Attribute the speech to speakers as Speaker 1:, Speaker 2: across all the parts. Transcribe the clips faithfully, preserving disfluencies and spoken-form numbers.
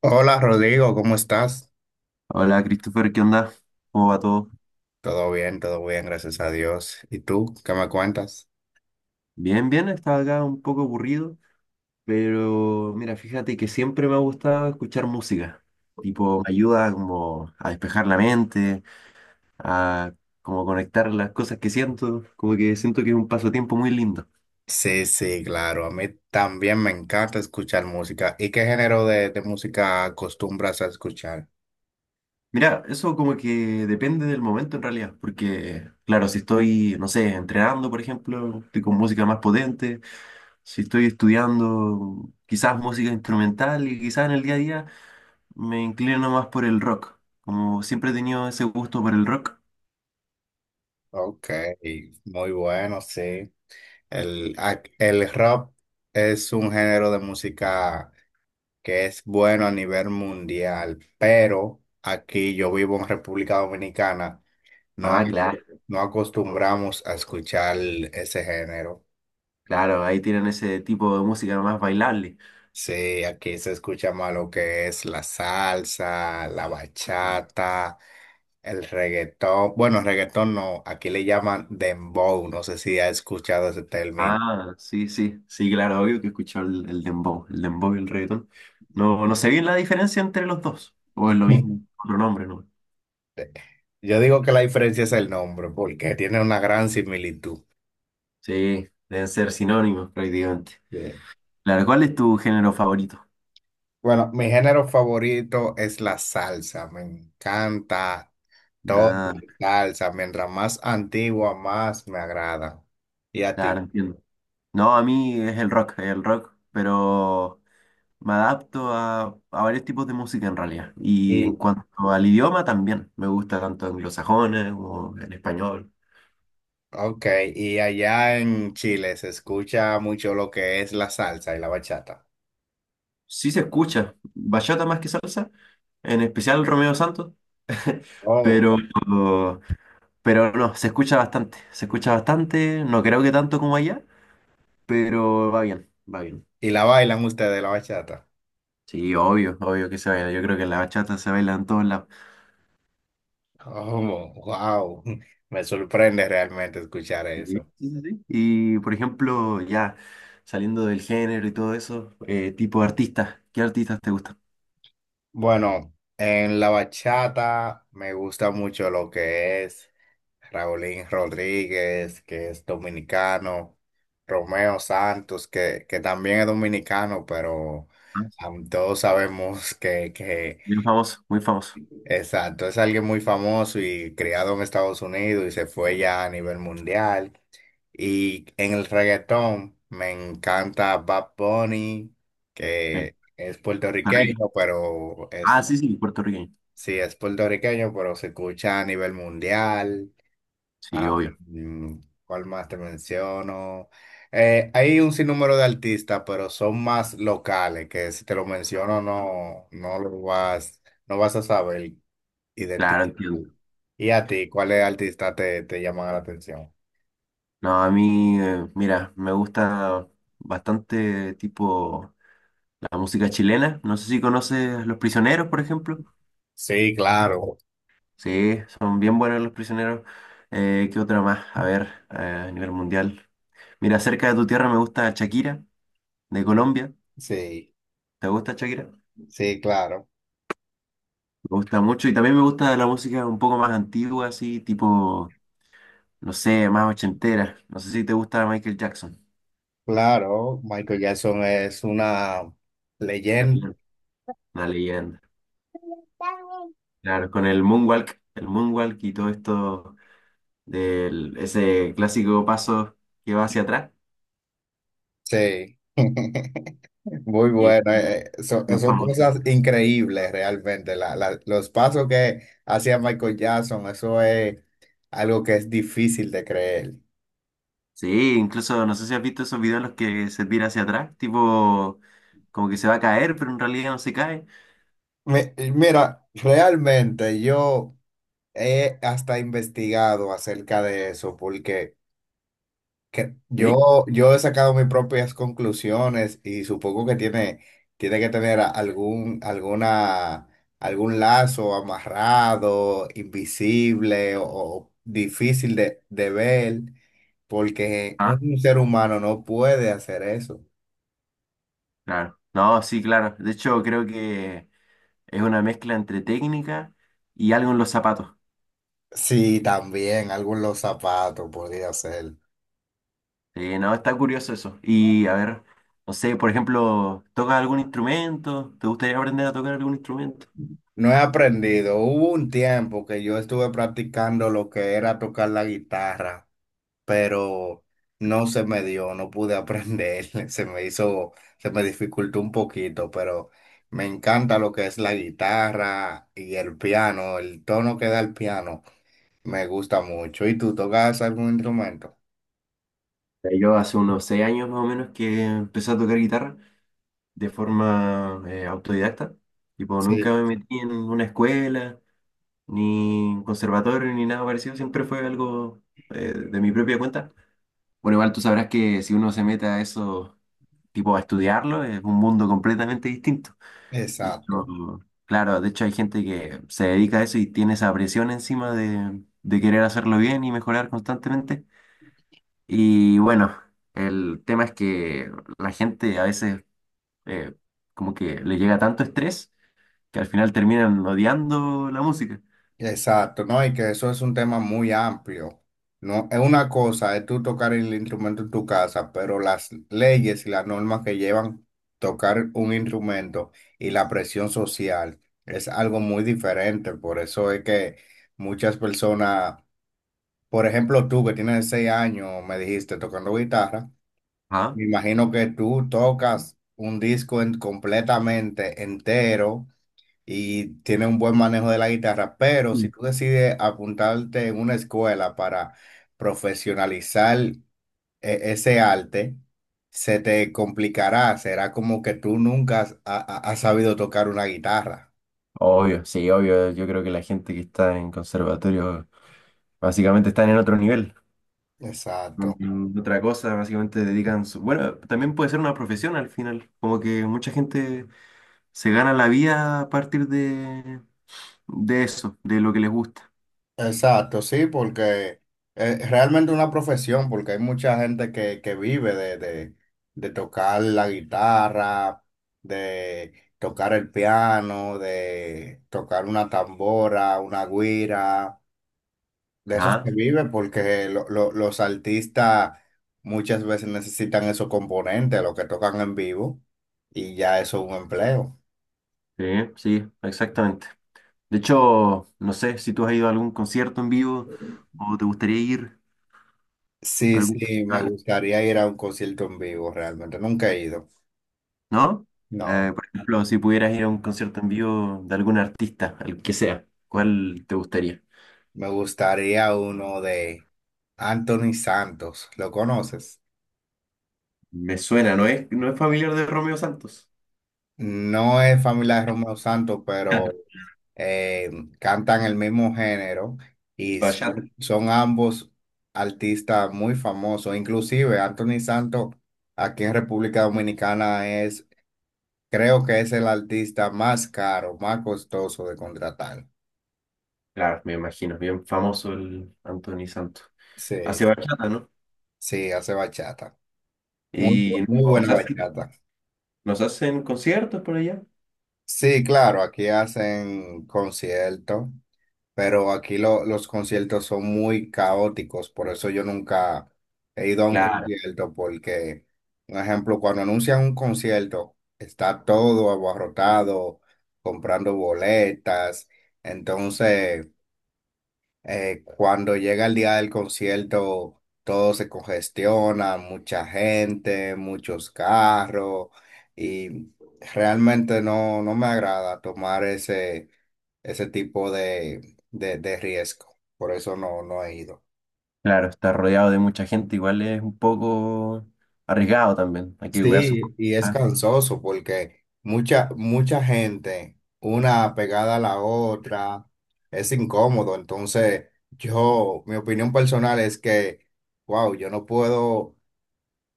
Speaker 1: Hola Rodrigo, ¿cómo estás?
Speaker 2: Hola Christopher, ¿qué onda? ¿Cómo va todo?
Speaker 1: Todo bien, todo bien, gracias a Dios. ¿Y tú qué me cuentas?
Speaker 2: Bien, bien, estaba acá un poco aburrido, pero mira, fíjate que siempre me ha gustado escuchar música. Tipo, me ayuda como a despejar la mente, a como conectar las cosas que siento, como que siento que es un pasatiempo muy lindo.
Speaker 1: Sí, sí, claro. A mí también me encanta escuchar música. ¿Y qué género de, de música acostumbras a escuchar?
Speaker 2: Mira, eso como que depende del momento en realidad, porque claro, si estoy, no sé, entrenando, por ejemplo, estoy con música más potente. Si estoy estudiando quizás música instrumental y quizás en el día a día me inclino más por el rock. Como siempre he tenido ese gusto por el rock.
Speaker 1: Ok, muy bueno, sí. El, ac- el rock es un género de música que es bueno a nivel mundial, pero aquí yo vivo en República Dominicana, no,
Speaker 2: Ah, claro,
Speaker 1: no acostumbramos a escuchar ese género.
Speaker 2: claro, ahí tienen ese tipo de música más bailable.
Speaker 1: Sí, aquí se escucha más lo que es la salsa, la
Speaker 2: Mm.
Speaker 1: bachata, el reggaetón. Bueno, reggaetón no, aquí le llaman dembow, no sé si ha escuchado ese término.
Speaker 2: Ah, sí, sí, sí, claro, obvio que he escuchado el, el dembow, el dembow y el reggaetón. No, no sé bien la diferencia entre los dos, o es lo mismo, otro nombre, ¿no?
Speaker 1: Yo digo que la diferencia es el nombre, porque tiene una gran similitud.
Speaker 2: Sí, deben ser sinónimos prácticamente.
Speaker 1: Sí.
Speaker 2: Claro, ¿cuál es tu género favorito?
Speaker 1: Bueno, mi género favorito es la salsa. Me encanta toda
Speaker 2: Ah,
Speaker 1: la salsa. Mientras más antigua, más me agrada. ¿Y a
Speaker 2: claro,
Speaker 1: ti?
Speaker 2: entiendo. No, a mí es el rock, el rock, pero me adapto a, a varios tipos de música en realidad. Y en cuanto al idioma también, me gusta tanto anglosajones como en español.
Speaker 1: Ok, y allá en Chile se escucha mucho lo que es la salsa y la bachata.
Speaker 2: Sí, se escucha bachata más que salsa, en especial Romeo Santos,
Speaker 1: Oh.
Speaker 2: pero, pero no, se escucha bastante, se escucha bastante, no creo que tanto como allá, pero va bien, va bien.
Speaker 1: ¿Y la bailan ustedes la bachata?
Speaker 2: Sí, obvio, obvio que se baila. Yo creo que la bachata se baila en todos lados.
Speaker 1: Oh, wow. Me sorprende realmente escuchar
Speaker 2: Sí, sí,
Speaker 1: eso.
Speaker 2: sí, sí, sí. Y por ejemplo, ya saliendo del género y todo eso, eh, tipo de artistas, ¿qué artistas te gustan?
Speaker 1: Bueno, en la bachata me gusta mucho lo que es Raulín Rodríguez, que es dominicano, Romeo Santos, que, que también es dominicano, pero
Speaker 2: Ah,
Speaker 1: am, todos sabemos que, que
Speaker 2: muy famoso, muy famoso.
Speaker 1: Exacto, es alguien muy famoso y criado en Estados Unidos y se fue ya a nivel mundial. Y en el reggaetón me encanta Bad Bunny,
Speaker 2: Ok.
Speaker 1: que es
Speaker 2: Puerto Rico.
Speaker 1: puertorriqueño, pero
Speaker 2: Ah,
Speaker 1: es,
Speaker 2: sí, sí, puertorriqueño.
Speaker 1: sí, es puertorriqueño, pero se escucha a nivel mundial.
Speaker 2: Sí,
Speaker 1: Ah,
Speaker 2: obvio.
Speaker 1: mm, ¿cuál más te menciono? Eh, hay un sinnúmero de artistas, pero son más locales, que si te lo menciono no, no lo vas, no vas a saber
Speaker 2: Claro,
Speaker 1: identificar.
Speaker 2: entiendo.
Speaker 1: ¿Y a ti, cuáles artistas te, te llaman la atención?
Speaker 2: No, a mí, eh, mira, me gusta bastante tipo la música chilena. No sé si conoces Los Prisioneros, por ejemplo.
Speaker 1: Sí, claro.
Speaker 2: Sí, son bien buenos Los Prisioneros. Eh, ¿qué otra más? A ver, eh, a nivel mundial. Mira, cerca de tu tierra me gusta Shakira, de Colombia.
Speaker 1: Sí,
Speaker 2: ¿Te gusta Shakira? Me
Speaker 1: sí, claro.
Speaker 2: gusta mucho y también me gusta la música un poco más antigua, así tipo, no sé, más ochentera. No sé si te gusta Michael Jackson.
Speaker 1: Claro, Michael Jackson es una
Speaker 2: La
Speaker 1: leyenda.
Speaker 2: leyenda. Una leyenda. Claro, con el moonwalk, el moonwalk y todo esto del ese clásico paso que va hacia atrás.
Speaker 1: Sí. Muy
Speaker 2: Y es
Speaker 1: bueno. eh, eh, Son,
Speaker 2: bien
Speaker 1: son
Speaker 2: famoso.
Speaker 1: cosas increíbles realmente. La- la- los pasos que hacía Michael Jackson, eso es algo que es difícil de creer.
Speaker 2: Sí, incluso no sé si has visto esos videos en los que se tira hacia atrás, tipo como que se va a caer, pero en realidad no se cae.
Speaker 1: Mi- Mira, realmente yo he hasta investigado acerca de eso porque... Que
Speaker 2: Sí.
Speaker 1: yo, yo he sacado mis propias conclusiones y supongo que tiene, tiene que tener a- algún, alguna, algún lazo amarrado, invisible o, o difícil de, de ver, porque
Speaker 2: Ah,
Speaker 1: un ser humano no puede hacer eso.
Speaker 2: claro. No, sí, claro. De hecho, creo que es una mezcla entre técnica y algo en los zapatos.
Speaker 1: Sí, también algunos zapatos podría ser.
Speaker 2: Eh, no, está curioso eso. Y a ver, no sé, por ejemplo, ¿tocas algún instrumento? ¿Te gustaría aprender a tocar algún instrumento?
Speaker 1: No he aprendido. Hubo un tiempo que yo estuve practicando lo que era tocar la guitarra, pero no se me dio, no pude aprender, se me hizo, se me dificultó un poquito, pero me encanta lo que es la guitarra y el piano, el tono que da el piano, me gusta mucho. ¿Y tú tocas algún instrumento?
Speaker 2: Eh, Yo hace unos seis años más o menos que empecé a tocar guitarra de forma eh, autodidacta. Tipo, nunca
Speaker 1: Sí.
Speaker 2: me metí en una escuela, ni en conservatorio, ni nada parecido. Siempre fue algo eh, de mi propia cuenta. Bueno, igual tú sabrás que si uno se mete a eso, tipo, a estudiarlo, es un mundo completamente distinto. De hecho,
Speaker 1: Exacto.
Speaker 2: claro, de hecho hay gente que se dedica a eso y tiene esa presión encima de, de querer hacerlo bien y mejorar constantemente. Y bueno, el tema es que la gente a veces eh, como que le llega tanto estrés que al final terminan odiando la música.
Speaker 1: Exacto, ¿no? Y que eso es un tema muy amplio. No, es una cosa, es tú tocar el instrumento en tu casa, pero las leyes y las normas que llevan tocar un instrumento y la presión social es algo muy diferente. Por eso es que muchas personas, por ejemplo, tú que tienes seis años, me dijiste tocando guitarra,
Speaker 2: Ajá.
Speaker 1: me imagino que tú tocas un disco en- completamente entero y tiene un buen manejo de la guitarra, pero si
Speaker 2: Mm.
Speaker 1: tú decides apuntarte en una escuela para profesionalizar e- ese arte, se te complicará, será como que tú nunca has, ha- ha- has sabido tocar una guitarra.
Speaker 2: Obvio, sí, obvio. Yo creo que la gente que está en conservatorio básicamente están en otro nivel.
Speaker 1: Exacto.
Speaker 2: Mm, otra cosa, básicamente dedican su... Bueno, también puede ser una profesión al final. Como que mucha gente se gana la vida a partir de, de eso, de lo que les gusta.
Speaker 1: Exacto, sí, porque es realmente una profesión, porque hay mucha gente que, que vive de, de, de tocar la guitarra, de tocar el piano, de tocar una tambora, una guira, de eso se
Speaker 2: Ajá,
Speaker 1: vive porque lo- lo- los artistas muchas veces necesitan esos componentes, los que tocan en vivo, y ya eso es un empleo.
Speaker 2: sí, sí, exactamente. De hecho, no sé si tú has ido a algún concierto en vivo o te gustaría ir a
Speaker 1: Sí,
Speaker 2: algún
Speaker 1: sí, me
Speaker 2: festival,
Speaker 1: gustaría ir a un concierto en vivo, realmente, nunca he ido.
Speaker 2: ¿no?
Speaker 1: No.
Speaker 2: Eh, por ejemplo, si pudieras ir a un concierto en vivo de algún artista, el que sea, ¿cuál te gustaría?
Speaker 1: Me gustaría uno de Anthony Santos. ¿Lo conoces?
Speaker 2: Me suena, ¿no es, no es familiar de Romeo Santos?
Speaker 1: No es familia de Romeo Santos, pero eh, cantan el mismo género y s-
Speaker 2: Bachata.
Speaker 1: son ambos artistas muy famosos. Inclusive Anthony Santos aquí en República Dominicana es, creo que es el artista más caro, más costoso de contratar.
Speaker 2: Claro, me imagino, bien famoso el Anthony Santos. Hace
Speaker 1: Sí,
Speaker 2: bachata, ¿no?
Speaker 1: sí, hace bachata. Muy,
Speaker 2: Y
Speaker 1: bu-
Speaker 2: no,
Speaker 1: muy buena bachata.
Speaker 2: ¿nos hacen conciertos por allá?
Speaker 1: Sí, claro, aquí hacen conciertos, pero aquí lo- los conciertos son muy caóticos, por eso yo nunca he ido a un
Speaker 2: Claro,
Speaker 1: concierto, porque, por ejemplo, cuando anuncian un concierto, está todo abarrotado, comprando boletas, entonces... Eh, cuando llega el día del concierto, todo se congestiona, mucha gente, muchos carros, y realmente no, no me agrada tomar ese, ese tipo de, de, de riesgo. Por eso no, no he ido.
Speaker 2: claro, estar rodeado de mucha gente igual es un poco arriesgado también. Hay que cuidar sus
Speaker 1: Sí,
Speaker 2: cosas.
Speaker 1: y es
Speaker 2: Ah,
Speaker 1: cansoso porque mucha, mucha gente, una pegada a la otra, es incómodo. Entonces, yo, mi opinión personal es que, wow, yo no puedo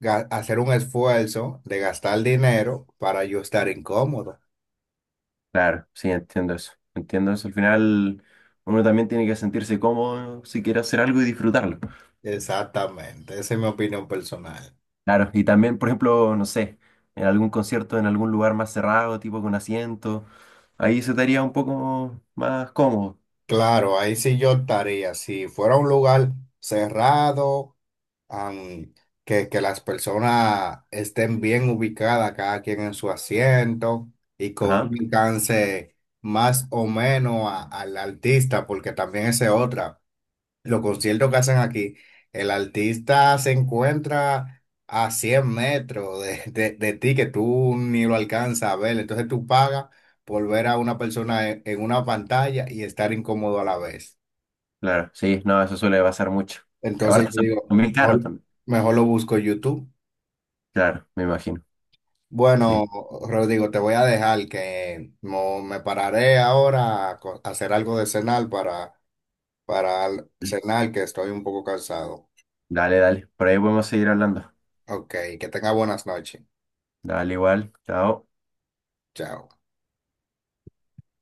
Speaker 1: ga- hacer un esfuerzo de gastar dinero para yo estar incómodo.
Speaker 2: claro, sí, entiendo eso. Entiendo eso. Al final, uno también tiene que sentirse cómodo si quiere hacer algo y disfrutarlo.
Speaker 1: Exactamente, esa es mi opinión personal.
Speaker 2: Claro, y también, por ejemplo, no sé, en algún concierto en algún lugar más cerrado, tipo con asiento, ahí se estaría un poco más cómodo.
Speaker 1: Claro, ahí sí yo estaría. Si fuera un lugar cerrado, am, que, que las personas estén bien ubicadas, cada quien en su asiento y con un
Speaker 2: Ajá,
Speaker 1: alcance más o menos a- al artista, porque también esa es otra. Los conciertos que hacen aquí, el artista se encuentra a cien metros de, de- de ti que tú ni lo alcanzas a ver. Entonces tú pagas por ver a una persona en, en una pantalla y estar incómodo a la vez.
Speaker 2: claro, sí, no, eso suele pasar mucho. Y
Speaker 1: Entonces
Speaker 2: aparte
Speaker 1: yo
Speaker 2: son
Speaker 1: digo,
Speaker 2: son bien caros
Speaker 1: mejor,
Speaker 2: también.
Speaker 1: mejor lo busco en YouTube.
Speaker 2: Claro, me imagino. Sí.
Speaker 1: Bueno, Rodrigo, te voy a dejar que mo- me pararé ahora a co- a hacer algo de cenar para, para cenar, que estoy un poco cansado.
Speaker 2: Dale, dale. Por ahí podemos seguir hablando.
Speaker 1: Ok, que tenga buenas noches.
Speaker 2: Dale, igual. Chao.
Speaker 1: Chao.